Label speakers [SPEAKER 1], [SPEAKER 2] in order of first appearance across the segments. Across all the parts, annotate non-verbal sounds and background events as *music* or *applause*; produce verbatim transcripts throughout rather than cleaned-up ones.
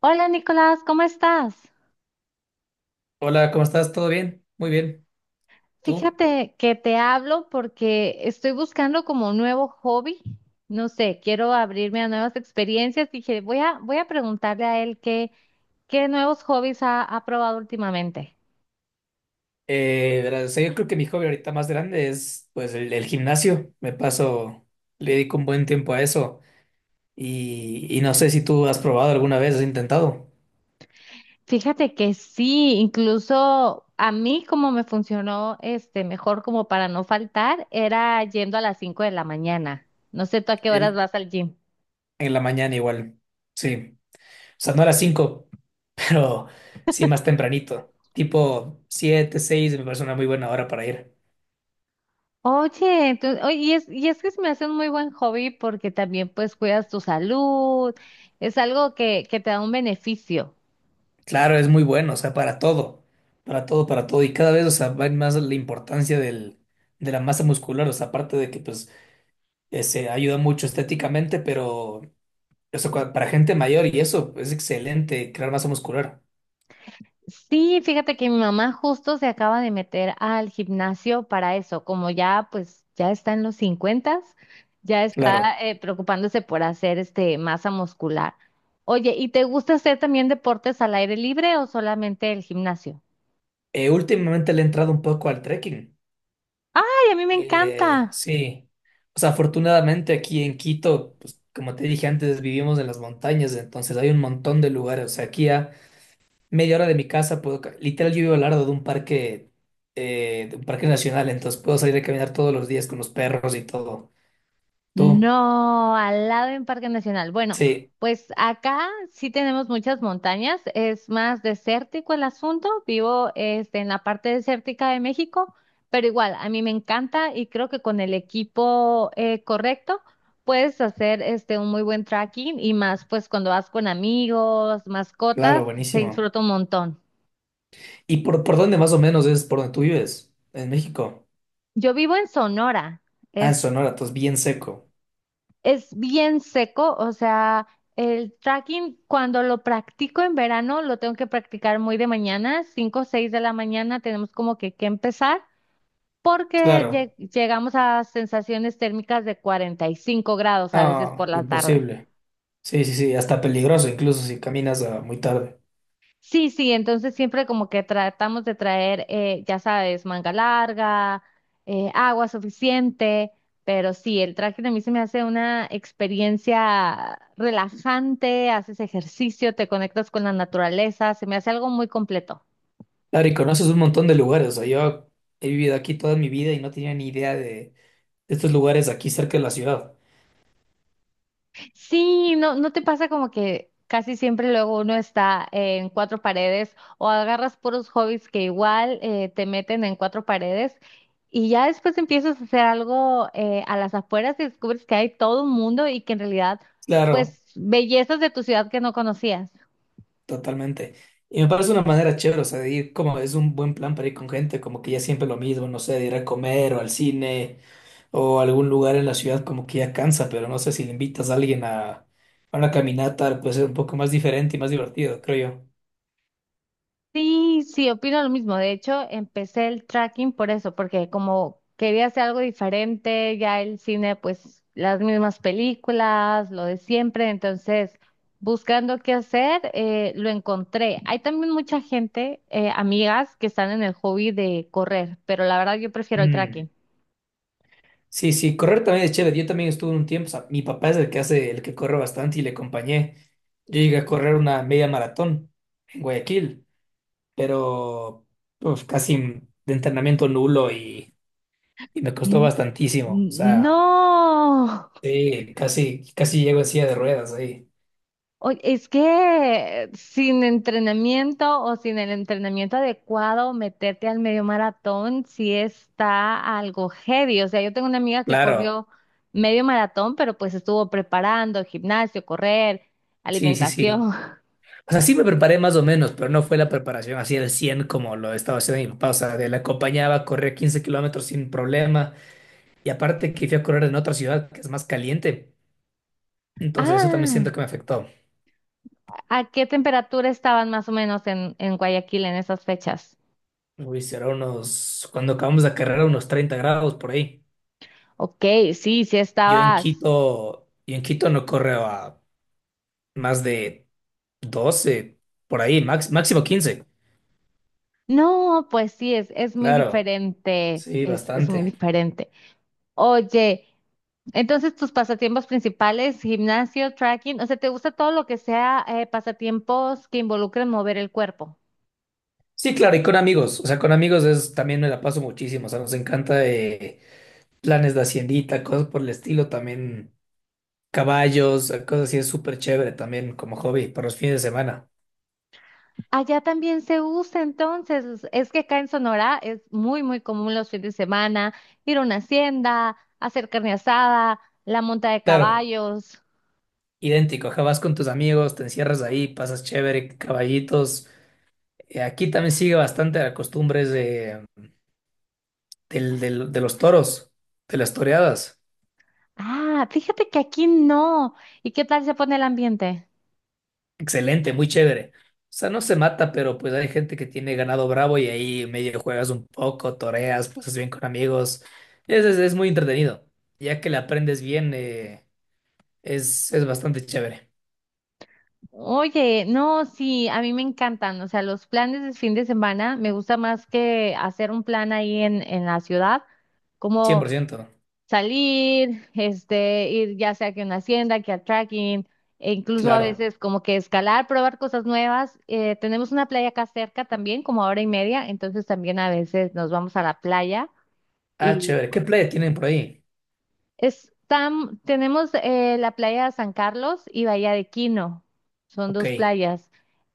[SPEAKER 1] Hola Nicolás, ¿cómo estás?
[SPEAKER 2] Hola, ¿cómo estás? ¿Todo bien? Muy bien. ¿Tú?
[SPEAKER 1] Fíjate que te hablo porque estoy buscando como un nuevo hobby. No sé, quiero abrirme a nuevas experiencias. Dije, voy a, voy a preguntarle a él qué, qué nuevos hobbies ha, ha probado últimamente.
[SPEAKER 2] Eh, verás, o sea, yo creo que mi hobby ahorita más grande es pues el, el gimnasio. Me paso, le dedico un buen tiempo a eso. Y, y no sé si tú has probado alguna vez, has intentado.
[SPEAKER 1] Fíjate que sí, incluso a mí como me funcionó este mejor como para no faltar, era yendo a las cinco de la mañana. No sé tú a qué horas
[SPEAKER 2] El-
[SPEAKER 1] vas al gym.
[SPEAKER 2] en la mañana igual. Sí. O sea, no a las cinco, *laughs* pero sí más tempranito. Tipo siete, seis me parece una muy buena hora para ir.
[SPEAKER 1] Oye, entonces, oye, y es, y es que se me hace un muy buen hobby porque también pues cuidas tu salud, es algo que, que te da un beneficio.
[SPEAKER 2] Claro, es muy bueno, o sea, para todo. Para todo, para todo. Y cada vez, o sea, va en más la importancia del de la masa muscular, o sea, aparte de que pues eh, se ayuda mucho estéticamente, pero eso cua- para gente mayor y eso es excelente, crear masa muscular.
[SPEAKER 1] Sí, fíjate que mi mamá justo se acaba de meter al gimnasio para eso, como ya pues ya está en los cincuenta, ya está
[SPEAKER 2] Claro.
[SPEAKER 1] eh, preocupándose por hacer este masa muscular. Oye, ¿y te gusta hacer también deportes al aire libre o solamente el gimnasio?
[SPEAKER 2] Eh, últimamente le he entrado un poco al trekking.
[SPEAKER 1] Ay, a mí me
[SPEAKER 2] Eh,
[SPEAKER 1] encanta.
[SPEAKER 2] sí. O sea, afortunadamente aquí en Quito, pues, como te dije antes, vivimos en las montañas, entonces hay un montón de lugares. O sea, aquí a media hora de mi casa puedo, ca- literal, yo vivo al lado de un parque, eh, de un parque nacional, entonces puedo salir a caminar todos los días con los perros y todo. Tú,
[SPEAKER 1] No, al lado en Parque Nacional. Bueno,
[SPEAKER 2] sí,
[SPEAKER 1] pues acá sí tenemos muchas montañas, es más desértico el asunto. Vivo este, en la parte desértica de México, pero igual, a mí me encanta y creo que con el equipo eh, correcto puedes hacer este, un muy buen trekking y más pues cuando vas con amigos, mascotas,
[SPEAKER 2] claro,
[SPEAKER 1] se
[SPEAKER 2] buenísimo.
[SPEAKER 1] disfruta un montón.
[SPEAKER 2] ¿Y por, por dónde más o menos es por donde tú vives? En México.
[SPEAKER 1] Yo vivo en Sonora,
[SPEAKER 2] Ah, en
[SPEAKER 1] es
[SPEAKER 2] Sonora, entonces bien seco.
[SPEAKER 1] Es bien seco, o sea, el tracking cuando lo practico en verano lo tengo que practicar muy de mañana, cinco, o seis de la mañana tenemos como que, que empezar porque
[SPEAKER 2] Claro.
[SPEAKER 1] lle- llegamos a sensaciones térmicas de cuarenta y cinco grados a veces por
[SPEAKER 2] Ah,
[SPEAKER 1] la tarde.
[SPEAKER 2] imposible. Sí, sí, sí, hasta peligroso incluso si caminas ah, muy tarde.
[SPEAKER 1] Sí, sí, entonces siempre como que tratamos de traer, eh, ya sabes, manga larga, eh, agua suficiente, pero sí, el trekking a mí se me hace una experiencia relajante, haces ejercicio, te conectas con la naturaleza, se me hace algo muy completo.
[SPEAKER 2] Claro, y conoces un montón de lugares. O sea, yo he vivido aquí toda mi vida y no tenía ni idea de, de estos lugares aquí cerca de la ciudad.
[SPEAKER 1] Sí, no, ¿no te pasa como que casi siempre luego uno está en cuatro paredes o agarras puros hobbies que igual eh, te meten en cuatro paredes y ya después empiezas a hacer algo eh, a las afueras y descubres que hay todo un mundo y que en realidad,
[SPEAKER 2] Claro,
[SPEAKER 1] pues, bellezas de tu ciudad que no conocías?
[SPEAKER 2] totalmente. Y me parece una manera chévere, o sea, de ir como es un buen plan para ir con gente, como que ya siempre lo mismo, no sé, de ir a comer o al cine o algún lugar en la ciudad como que ya cansa, pero no sé si le invitas a alguien a, a una caminata, puede ser un poco más diferente y más divertido, creo
[SPEAKER 1] Sí, sí, opino lo mismo. De hecho, empecé el tracking por eso, porque como quería hacer algo diferente, ya el cine, pues las mismas películas, lo de siempre, entonces buscando qué hacer, eh, lo encontré. Hay también mucha gente, eh, amigas, que están en el hobby de correr, pero la verdad yo
[SPEAKER 2] yo.
[SPEAKER 1] prefiero el
[SPEAKER 2] Mm.
[SPEAKER 1] tracking.
[SPEAKER 2] Sí, sí, correr también es chévere. Yo también estuve un tiempo, o sea, mi papá es el que hace, el que corre bastante y le acompañé. Yo llegué a correr una media maratón en Guayaquil, pero uf, casi de entrenamiento nulo y, y me costó
[SPEAKER 1] Mm,
[SPEAKER 2] bastantísimo. O sea,
[SPEAKER 1] no.
[SPEAKER 2] sí, casi, casi llego en silla de ruedas ahí.
[SPEAKER 1] Oye, es que sin entrenamiento o sin el entrenamiento adecuado, meterte al medio maratón sí está algo heavy. O sea, yo tengo una amiga que
[SPEAKER 2] Claro,
[SPEAKER 1] corrió medio maratón, pero pues estuvo preparando gimnasio, correr,
[SPEAKER 2] sí, sí, sí.
[SPEAKER 1] alimentación. *laughs*
[SPEAKER 2] O sea, sí me preparé más o menos, pero no fue la preparación así al cien como lo estaba haciendo mi papá. O sea, de la acompañaba, corría quince kilómetros sin problema. Y aparte que fui a correr en otra ciudad que es más caliente. Entonces eso también siento
[SPEAKER 1] Ah,
[SPEAKER 2] que me afectó.
[SPEAKER 1] ¿a qué temperatura estaban más o menos en, en Guayaquil en esas fechas?
[SPEAKER 2] Uy, será unos, cuando acabamos la carrera, unos treinta grados por ahí.
[SPEAKER 1] Ok, sí, sí
[SPEAKER 2] Yo en
[SPEAKER 1] estabas.
[SPEAKER 2] Quito, yo en Quito no corro a más de doce por ahí, max- máximo quince.
[SPEAKER 1] No, pues sí, es, es muy
[SPEAKER 2] Claro,
[SPEAKER 1] diferente,
[SPEAKER 2] sí,
[SPEAKER 1] es, es muy
[SPEAKER 2] bastante.
[SPEAKER 1] diferente. Oye. Entonces, tus pasatiempos principales, gimnasio, tracking, o sea, ¿te gusta todo lo que sea eh, pasatiempos que involucren mover el cuerpo?
[SPEAKER 2] Sí, claro, y con amigos. O sea, con amigos es, también me la paso muchísimo. O sea, nos encanta, eh, planes de haciendita, cosas por el estilo, también caballos, eh, cosas así, es súper chévere también como hobby para los fines de semana.
[SPEAKER 1] Allá también se usa, entonces, es que acá en Sonora es muy, muy común los fines de semana ir a una hacienda, hacer carne asada, la monta de
[SPEAKER 2] Claro,
[SPEAKER 1] caballos.
[SPEAKER 2] idéntico, ajá, vas con tus amigos, te encierras ahí, pasas chévere, caballitos. Eh, aquí también sigue bastante la costumbre de, del- del- de los toros, de las toreadas.
[SPEAKER 1] Ah, fíjate que aquí no. ¿Y qué tal se pone el ambiente?
[SPEAKER 2] Excelente, muy chévere. O sea, no se mata, pero pues hay gente que tiene ganado bravo y ahí medio juegas un poco, toreas, pasas bien con amigos. Es, es, es muy entretenido. Ya que le aprendes bien, eh, Es, es bastante chévere.
[SPEAKER 1] Oye, no, sí, a mí me encantan, o sea, los planes de fin de semana me gusta más que hacer un plan ahí en, en la ciudad,
[SPEAKER 2] cien
[SPEAKER 1] como
[SPEAKER 2] por ciento
[SPEAKER 1] salir, este, ir ya sea que a una hacienda, que al trekking, e incluso a
[SPEAKER 2] Claro.
[SPEAKER 1] veces como que escalar, probar cosas nuevas. Eh, tenemos una playa acá cerca también, como a hora y media, entonces también a veces nos vamos a la playa
[SPEAKER 2] Ah,
[SPEAKER 1] y
[SPEAKER 2] chévere. ¿Qué
[SPEAKER 1] bueno,
[SPEAKER 2] playa tienen por ahí?
[SPEAKER 1] es tam- tenemos eh, la playa de San Carlos y Bahía de Quino, son
[SPEAKER 2] Ok.
[SPEAKER 1] dos playas.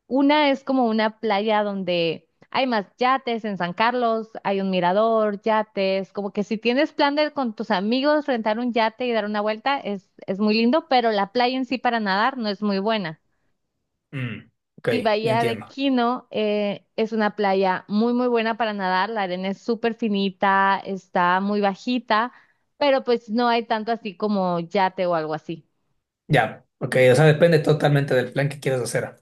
[SPEAKER 1] Una es como una playa donde hay más yates en San Carlos, hay un mirador, yates, como que si tienes plan de con tus amigos rentar un yate y dar una vuelta es, es muy lindo, pero la playa en sí para nadar no es muy buena.
[SPEAKER 2] Mm, ok,
[SPEAKER 1] Y
[SPEAKER 2] ya
[SPEAKER 1] Bahía de
[SPEAKER 2] entiendo.
[SPEAKER 1] Quino eh, es una playa muy, muy buena para nadar, la arena es súper finita, está muy bajita, pero pues no hay tanto así como yate o algo así.
[SPEAKER 2] Ya. Ok, o sea, depende totalmente del plan que quieras hacer.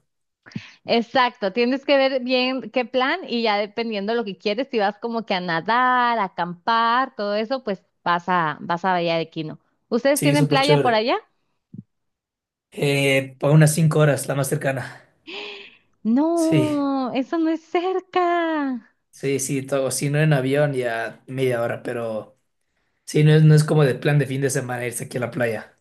[SPEAKER 1] Exacto, tienes que ver bien qué plan y ya dependiendo lo que quieres, si vas como que a nadar, a acampar, todo eso, pues vas a, vas a Bahía de Quino. ¿Ustedes
[SPEAKER 2] Sí,
[SPEAKER 1] tienen
[SPEAKER 2] súper
[SPEAKER 1] playa por
[SPEAKER 2] chévere.
[SPEAKER 1] allá?
[SPEAKER 2] Eh, para unas cinco horas, la más cercana. Sí,
[SPEAKER 1] No, eso no es cerca.
[SPEAKER 2] sí, sí, todo. Si no en avión, ya media hora, pero sí, no es, no es como de plan de fin de semana irse aquí a la playa.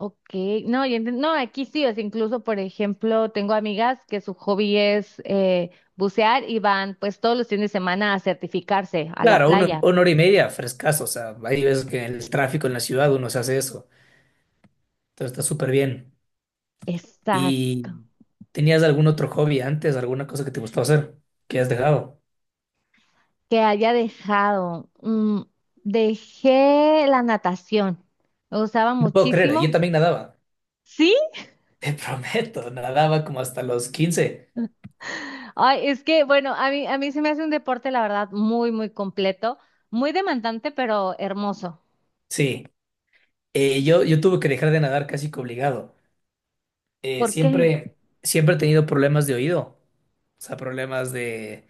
[SPEAKER 1] Ok, no, yo enten- no, aquí sí, o sea incluso, por ejemplo, tengo amigas que su hobby es eh, bucear y van pues todos los fines de semana a certificarse a la
[SPEAKER 2] Claro, uno-
[SPEAKER 1] playa.
[SPEAKER 2] una hora y media, frescazo. O sea, hay veces que en el tráfico en la ciudad uno se hace eso. Entonces está súper bien.
[SPEAKER 1] Exacto.
[SPEAKER 2] ¿Y tenías algún otro hobby antes, alguna cosa que te gustaba hacer que has dejado?
[SPEAKER 1] Que haya dejado. Mm, dejé la natación. Me gustaba
[SPEAKER 2] No puedo creer, ¿eh? Yo
[SPEAKER 1] muchísimo.
[SPEAKER 2] también nadaba,
[SPEAKER 1] ¿Sí?
[SPEAKER 2] te *laughs* prometo, nadaba como hasta los quince.
[SPEAKER 1] Ay, es que, bueno, a mí, a mí se me hace un deporte, la verdad, muy, muy completo, muy demandante, pero hermoso.
[SPEAKER 2] Sí, eh, yo, yo tuve que dejar de nadar casi que obligado. Eh,
[SPEAKER 1] ¿Por qué?
[SPEAKER 2] siempre, siempre he tenido problemas de oído, o sea, problemas de...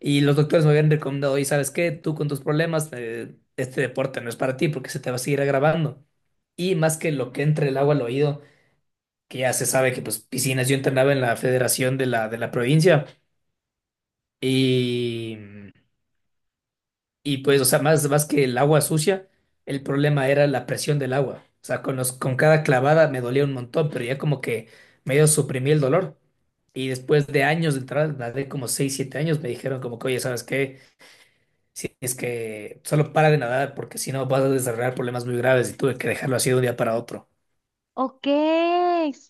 [SPEAKER 2] Y los doctores me habían recomendado, y sabes qué, tú con tus problemas, eh, este deporte no es para ti porque se te va a seguir agravando. Y más que lo que entre el agua al oído. Que ya se sabe que pues piscinas, yo entrenaba en la federación de la, de la provincia y, y pues, o sea, más, más que el agua sucia, el problema era la presión del agua. O sea, con los, con cada clavada me dolía un montón, pero ya como que medio suprimí el dolor. Y después de años de entrar, nadé como seis siete años, me dijeron como que, oye, ¿sabes qué? Si es que solo para de nadar porque si no vas a desarrollar problemas muy graves y tuve que dejarlo así de un día para otro.
[SPEAKER 1] Ok,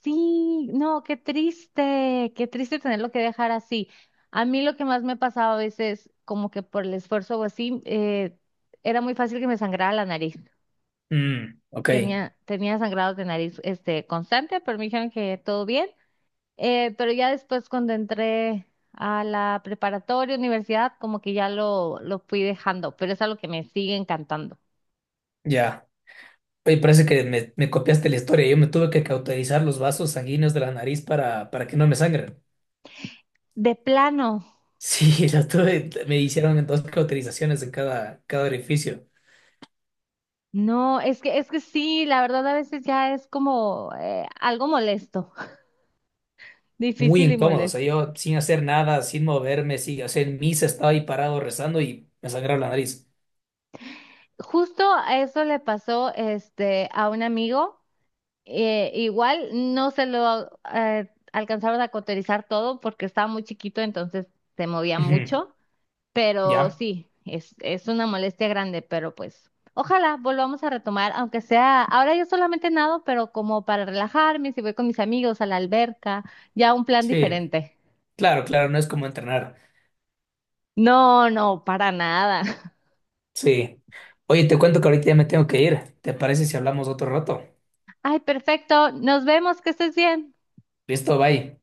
[SPEAKER 1] sí, no, qué triste, qué triste tenerlo que dejar así. A mí lo que más me pasaba a veces, como que por el esfuerzo o así, eh, era muy fácil que me sangrara la nariz.
[SPEAKER 2] Mm, ok,
[SPEAKER 1] Tenía, tenía sangrados de nariz este, constante, pero me dijeron que todo bien. Eh, pero ya después cuando entré a la preparatoria, universidad, como que ya lo, lo fui dejando, pero es algo que me sigue encantando.
[SPEAKER 2] ya. Oye, parece que me, me copiaste la historia. Yo me tuve que cauterizar los vasos sanguíneos de la nariz para, para que no me sangren.
[SPEAKER 1] De plano,
[SPEAKER 2] Sí, *laughs* la tuve, me hicieron dos cauterizaciones en cada, cada orificio.
[SPEAKER 1] no, es que, es que sí, la verdad a veces ya es como eh, algo molesto, *laughs*
[SPEAKER 2] Muy
[SPEAKER 1] difícil y
[SPEAKER 2] incómodo. O sea,
[SPEAKER 1] molesto.
[SPEAKER 2] yo sin hacer nada, sin moverme, sí, o sea, en misa estaba ahí parado rezando y me sangraba la nariz.
[SPEAKER 1] Justo a eso le pasó este, a un amigo. Eh, igual no se lo eh, alcanzaron a cauterizar todo porque estaba muy chiquito, entonces se movía
[SPEAKER 2] Ujú.
[SPEAKER 1] mucho, pero
[SPEAKER 2] ¿Ya?
[SPEAKER 1] sí, es, es una molestia grande, pero pues ojalá volvamos a retomar, aunque sea, ahora yo solamente nado, pero como para relajarme, si voy con mis amigos a la alberca, ya un plan
[SPEAKER 2] Sí.
[SPEAKER 1] diferente.
[SPEAKER 2] Claro, claro, no es como entrenar.
[SPEAKER 1] No, no, para nada. *laughs*
[SPEAKER 2] Sí. Oye, te cuento que ahorita ya me tengo que ir. ¿Te parece si hablamos otro rato?
[SPEAKER 1] Ay, perfecto, nos vemos, que estés bien.
[SPEAKER 2] Listo, bye.